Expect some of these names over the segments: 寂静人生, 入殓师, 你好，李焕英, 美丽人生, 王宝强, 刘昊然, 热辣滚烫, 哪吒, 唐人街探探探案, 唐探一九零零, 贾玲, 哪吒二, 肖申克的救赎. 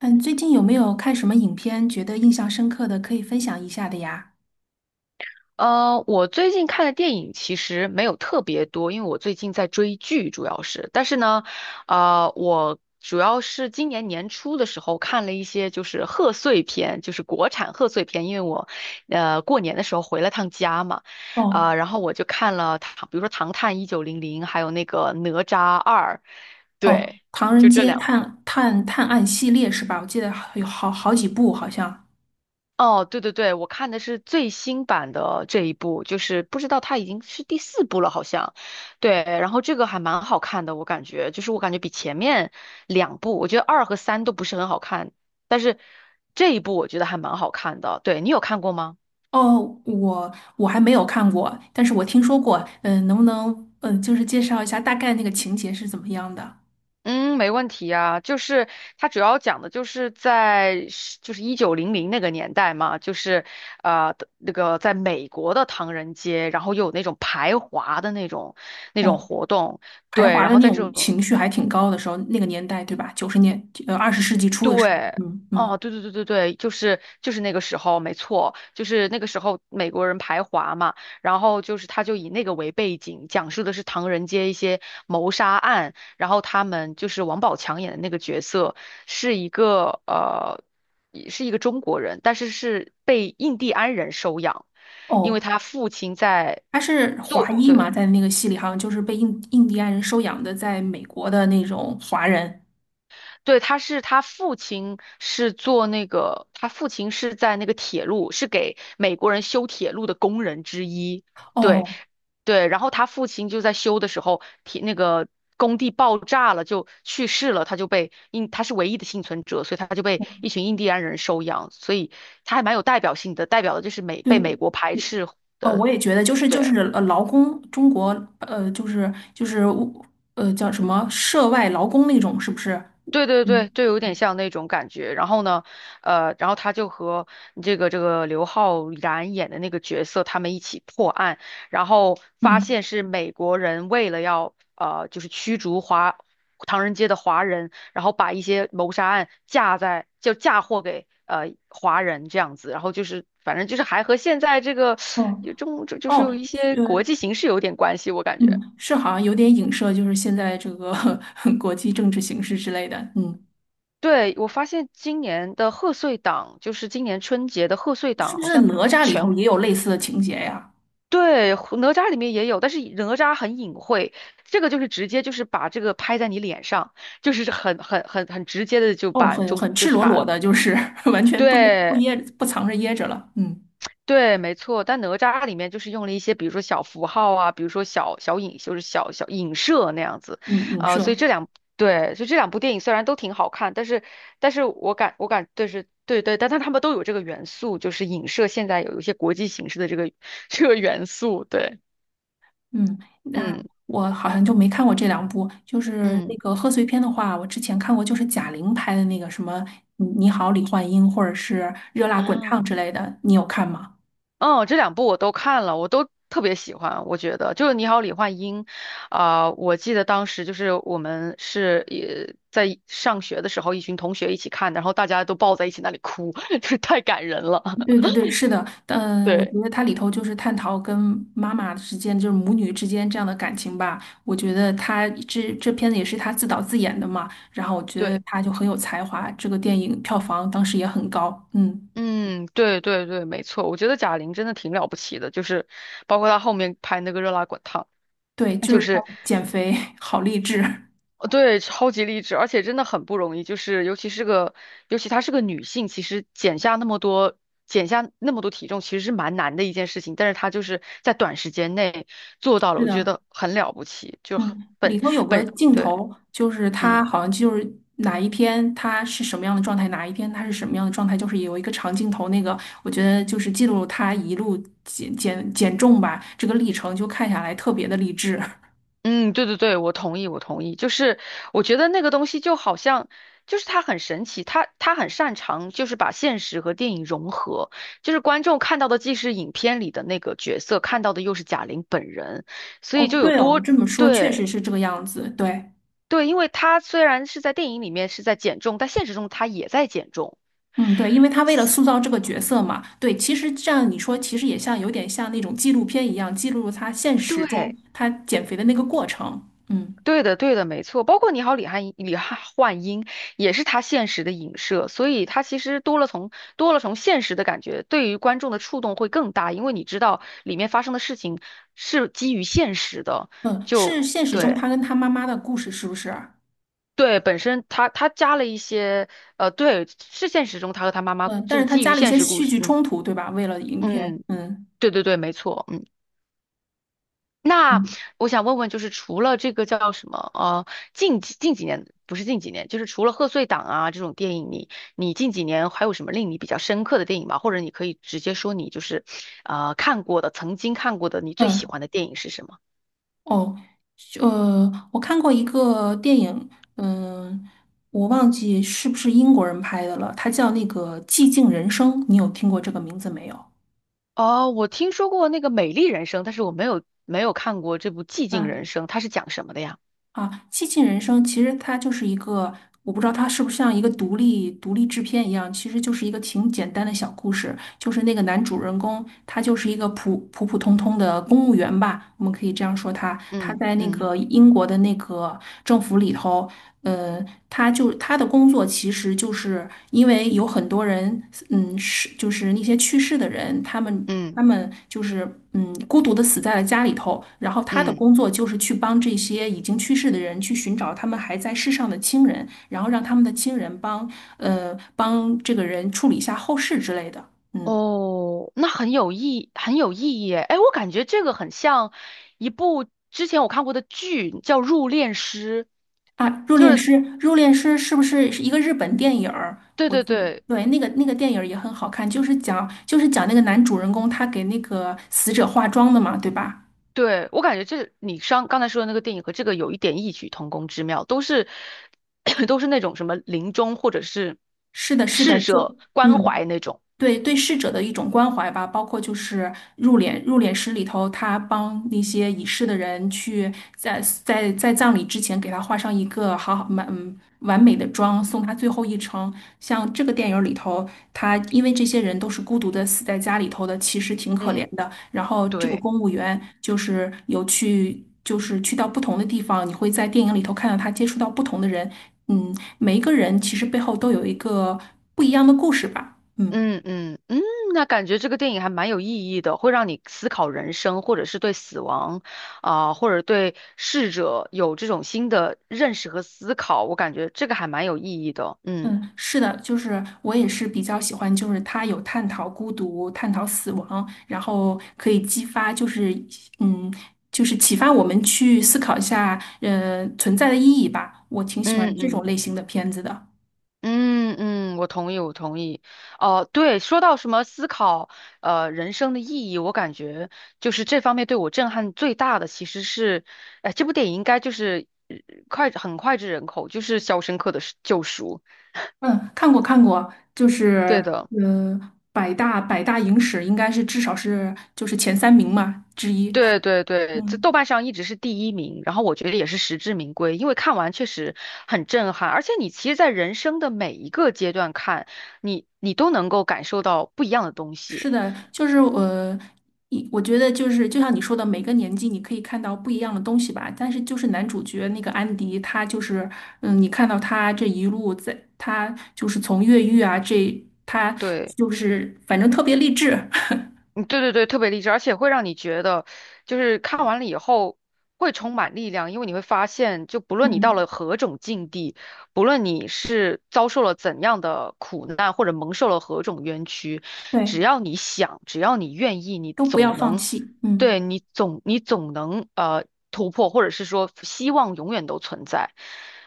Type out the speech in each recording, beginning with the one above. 嗯，最近有没有看什么影片觉得印象深刻的，可以分享一下的呀？我最近看的电影其实没有特别多，因为我最近在追剧，主要是。但是呢，我主要是今年年初的时候看了一些就是贺岁片，就是国产贺岁片，因为我过年的时候回了趟家嘛。哦啊、然后我就看了唐，比如说《唐探一九零零》，还有那个《哪吒二》，对，哦，《唐人就这街两部。探探探案》系列是吧？我记得好有好几部，好像。哦，对对对，我看的是最新版的这一部，就是不知道它已经是第四部了，好像。对，然后这个还蛮好看的，我感觉，就是我感觉比前面两部，我觉得二和三都不是很好看，但是这一部我觉得还蛮好看的。对，你有看过吗？哦，我还没有看过，但是我听说过。嗯，能不能就是介绍一下大概那个情节是怎么样的？嗯，没问题啊，就是它主要讲的就是在是就是一九零零那个年代嘛，就是那个在美国的唐人街，然后又有那种排华的那种哦，活动，排对，华然的后那在这种种，情绪还挺高的时候，那个年代对吧？九十年呃二十世纪初的时候，对，嗯哦，嗯。对对对对对，就是那个时候，没错，就是那个时候美国人排华嘛。然后就是他就以那个为背景，讲述的是唐人街一些谋杀案，然后他们就是王宝强演的那个角色是一个呃也是一个中国人，但是是被印第安人收养，因为哦，他父亲在他是华做，裔嘛，对。在那个戏里好像就是被印第安人收养的，在美国的那种华人。对，他父亲是做那个，他父亲是在那个铁路，是给美国人修铁路的工人之一。对哦，对，然后他父亲就在修的时候，那个工地爆炸了，就去世了，他就被印，他是唯一的幸存者，所以他就被我一群印第安人收养，所以他还蛮有代表性的，代表的就是对，被美国排斥。哦，我也觉得，对。劳工，中国呃，就是就是叫什么涉外劳工那种，是不是？对对对，嗯就有点像那种感觉。然后呢，然后他就和这个刘昊然演的那个角色，他们一起破案，然后发嗯，现是美国人为了就是驱逐唐人街的华人，然后把一些谋杀案嫁在就嫁祸给华人这样子，然后就是反正就是还和现在这个哦有中就就哦，是有一些呃国际形势有点关系，我感觉。嗯，是好像有点影射，就是现在这个 国际政治形势之类的。嗯，对，我发现今年的贺岁档，就是今年春节的贺岁是档，不好是像哪吒里头全，也有类似的情节呀？对，哪吒里面也有，但是哪吒很隐晦，这个就是直接就是把这个拍在你脸上，就是很直接的就哦，把很中，很就赤是裸把，裸的，就是 完全不掖不对。掖不藏着掖着了。嗯对，没错，但哪吒里面就是用了一些，比如说小符号啊，比如说小小影，就是小小影射那样子，嗯，影所以射。这两对，所以这两部电影虽然都挺好看，但是我感我感对是对对，但他们都有这个元素，就是影射现在有一些国际形势的这个 这个元素，对，嗯，那嗯我好像就没看过这两部。就是那嗯个贺岁片的话，我之前看过，就是贾玲拍的那个什么《你你好李焕英》或者是《热辣滚啊。烫》之类的，你有看吗？嗯，这两部我都看了，我都特别喜欢。我觉得就是《你好，李焕英》啊、我记得当时就是我们也在上学的时候，一群同学一起看的，然后大家都抱在一起那里哭，就是太感人了。对对对，是的，嗯，我对觉得它里头就是探讨跟妈妈之间，就是母女之间这样的感情吧。我觉得他这这片子也是他自导自演的嘛，然后我觉得对，他就很有才华，这个电影票房当时也很高。嗯，嗯，对对对，没错。我觉得贾玲真的挺了不起的，就是包括她后面拍那个《热辣滚烫》，对，就就是他是。减肥 好励志。对，超级励志，而且真的很不容易，就是尤其她是个女性，其实减下那么多，体重，其实是蛮难的一件事情，但是她就是在短时间内做到了，是我觉的，得很了不起，就很嗯，里本头有个本，镜对，头，就是他嗯。好像就是哪一天他是什么样的状态，哪一天他是什么样的状态，就是有一个长镜头，那个我觉得就是记录他一路减重吧，这个历程就看下来特别的励志。嗯，对对对，我同意，我同意。就是我觉得那个东西就好像，就是它很神奇，它很擅长就是把现实和电影融合，就是观众看到的既是影片里的那个角色，看到的又是贾玲本人，所以哦，就有对哦，你多，这么说确对实是这个样子，对。对，因为她虽然是在电影里面是在减重，但现实中她也在减重。嗯，对，因为他为了塑造这个角色嘛，对，其实这样你说，其实也像有点像那种纪录片一样，记录他现实中对他减肥的那个过程。嗯对的，对的，没错。包括你好，李汉焕英也是他现实的影射，所以他其实多了从现实的感觉，对于观众的触动会更大，因为你知道里面发生的事情是基于现实的。嗯，就是现实中对他跟他妈妈的故事，是不是啊？对，本身他加了一些对，是现实中他和他妈妈嗯，但就是是他基于加了一现些实故戏事。剧嗯冲突，对吧？为了影片，嗯，嗯对对对，没错，嗯。那嗯我想问问，就是除了这个叫什么，近几年不是近几年，就是除了贺岁档啊这种电影，你近几年还有什么令你比较深刻的电影吗？或者你可以直接说你就是，看过的，曾经看过的，你最喜嗯，欢的电影是什么？哦，我看过一个电影，嗯，我忘记是不是英国人拍的了，它叫那个《寂静人生》，你有听过这个名字没有？哦，我听说过那个《美丽人生》，但是我没有看过这部《寂静啊？人生》，它是讲什么的呀？啊，《寂静人生》其实它就是一个，我不知道它是不是像一个独立制片一样，其实就是一个挺简单的小故事。就是那个男主人公，他就是一个普普通通的公务员吧，我们可以这样说他。他嗯在那嗯个英国的那个政府里头，呃，他的工作其实就是因为有很多人，嗯，是就是那些去世的人，他们他嗯们就是嗯，孤独的死在了家里头。然后他的嗯。工作就是去帮这些已经去世的人去寻找他们还在世上的亲人，然后让他们的亲人帮帮这个人处理一下后事之类的。嗯哦，那很有意义耶。哎，我感觉这个很像一部之前我看过的剧，叫《入殓师》，啊，《入就殓是师》《入殓师》是不是一个日本电影儿？对我对记得对对，那个电影儿也很好看，就是讲那个男主人公他给那个死者化妆的嘛，对吧？对，我感觉这你上刚才说的那个电影和这个有一点异曲同工之妙，都是 都是那种什么临终或者是是的，是的，逝就者关嗯。怀那种。对，对逝者的一种关怀吧，包括就是入殓师里头，他帮那些已逝的人去在葬礼之前给他画上一个好好满嗯完美的妆，送他最后一程。像这个电影里头，他因为这些人都是孤独的死在家里头的，其实挺可怜嗯，的。然后这个对。公务员就是去到不同的地方，你会在电影里头看到他接触到不同的人，嗯，每一个人其实背后都有一个不一样的故事吧，嗯。嗯嗯嗯，那感觉这个电影还蛮有意义的，会让你思考人生，或者是对死亡，啊、或者对逝者有这种新的认识和思考。我感觉这个还蛮有意义的。嗯嗯，是的，就是我也是比较喜欢，就是它有探讨孤独、探讨死亡，然后可以激发，嗯，就是启发我们去思考一下，存在的意义吧。我挺喜欢嗯这种嗯类型的片子的。嗯嗯，我同意，我同意。哦、对，说到什么思考，人生的意义，我感觉就是这方面对我震撼最大的，其实是，哎、这部电影应该就是很脍炙人口，就是《肖申克的救赎》。嗯，看过看过，就对是的。呃，百大影史应该是至少是前三名嘛之一。对对对，这豆嗯。瓣上一直是第一名，然后我觉得也是实至名归，因为看完确实很震撼，而且你其实，在人生的每一个阶段看，你都能够感受到不一样的东西。是的，就是呃，我觉得就是就像你说的，每个年纪你可以看到不一样的东西吧。但是就是男主角那个安迪，他就是嗯，你看到他这一路在，他就是从越狱啊，这他对。就是反正特别励志，嗯，对对对，特别励志，而且会让你觉得，就是看完了以后会充满力量，因为你会发现，就不 论你到嗯，了何种境地，不论你是遭受了怎样的苦难，或者蒙受了何种冤屈，对，只要你想，只要你愿意，你都不要总放能，弃，对，嗯。你总能突破，或者是说希望永远都存在。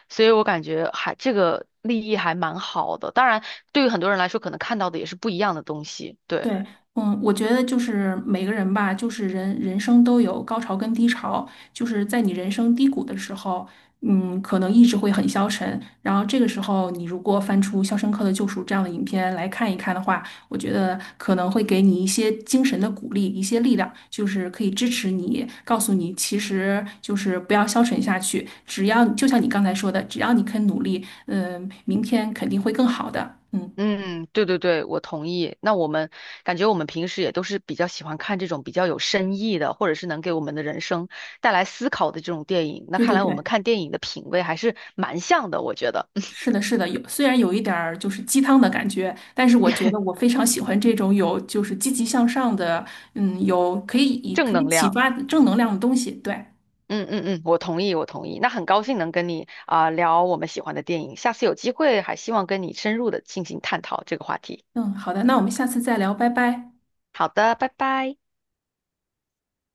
所以我感觉还这个立意还蛮好的，当然对于很多人来说，可能看到的也是不一样的东西，对。对，嗯，我觉得就是每个人吧，就是人生都有高潮跟低潮，就是在你人生低谷的时候，嗯，可能意志会很消沉，然后这个时候你如果翻出《肖申克的救赎》这样的影片来看一看的话，我觉得可能会给你一些精神的鼓励，一些力量，就是可以支持你，告诉你其实就是不要消沉下去，只要就像你刚才说的，只要你肯努力，嗯，明天肯定会更好的，嗯，嗯，对对对，我同意。那我们感觉我们平时也都是比较喜欢看这种比较有深意的，或者是能给我们的人生带来思考的这种电影。那对看对来我们对。看电影的品味还是蛮像的，我觉得 是的，是的，有，虽然有一点儿就是鸡汤的感觉，但是我觉得我 非常喜欢这种有就是积极向上的，嗯，有可以以正可以能启量。发正能量的东西。对，嗯嗯嗯，我同意，我同意。那很高兴能跟你啊、聊我们喜欢的电影，下次有机会还希望跟你深入的进行探讨这个话题。嗯，好的，那我们下次再聊，拜拜。好的，拜拜。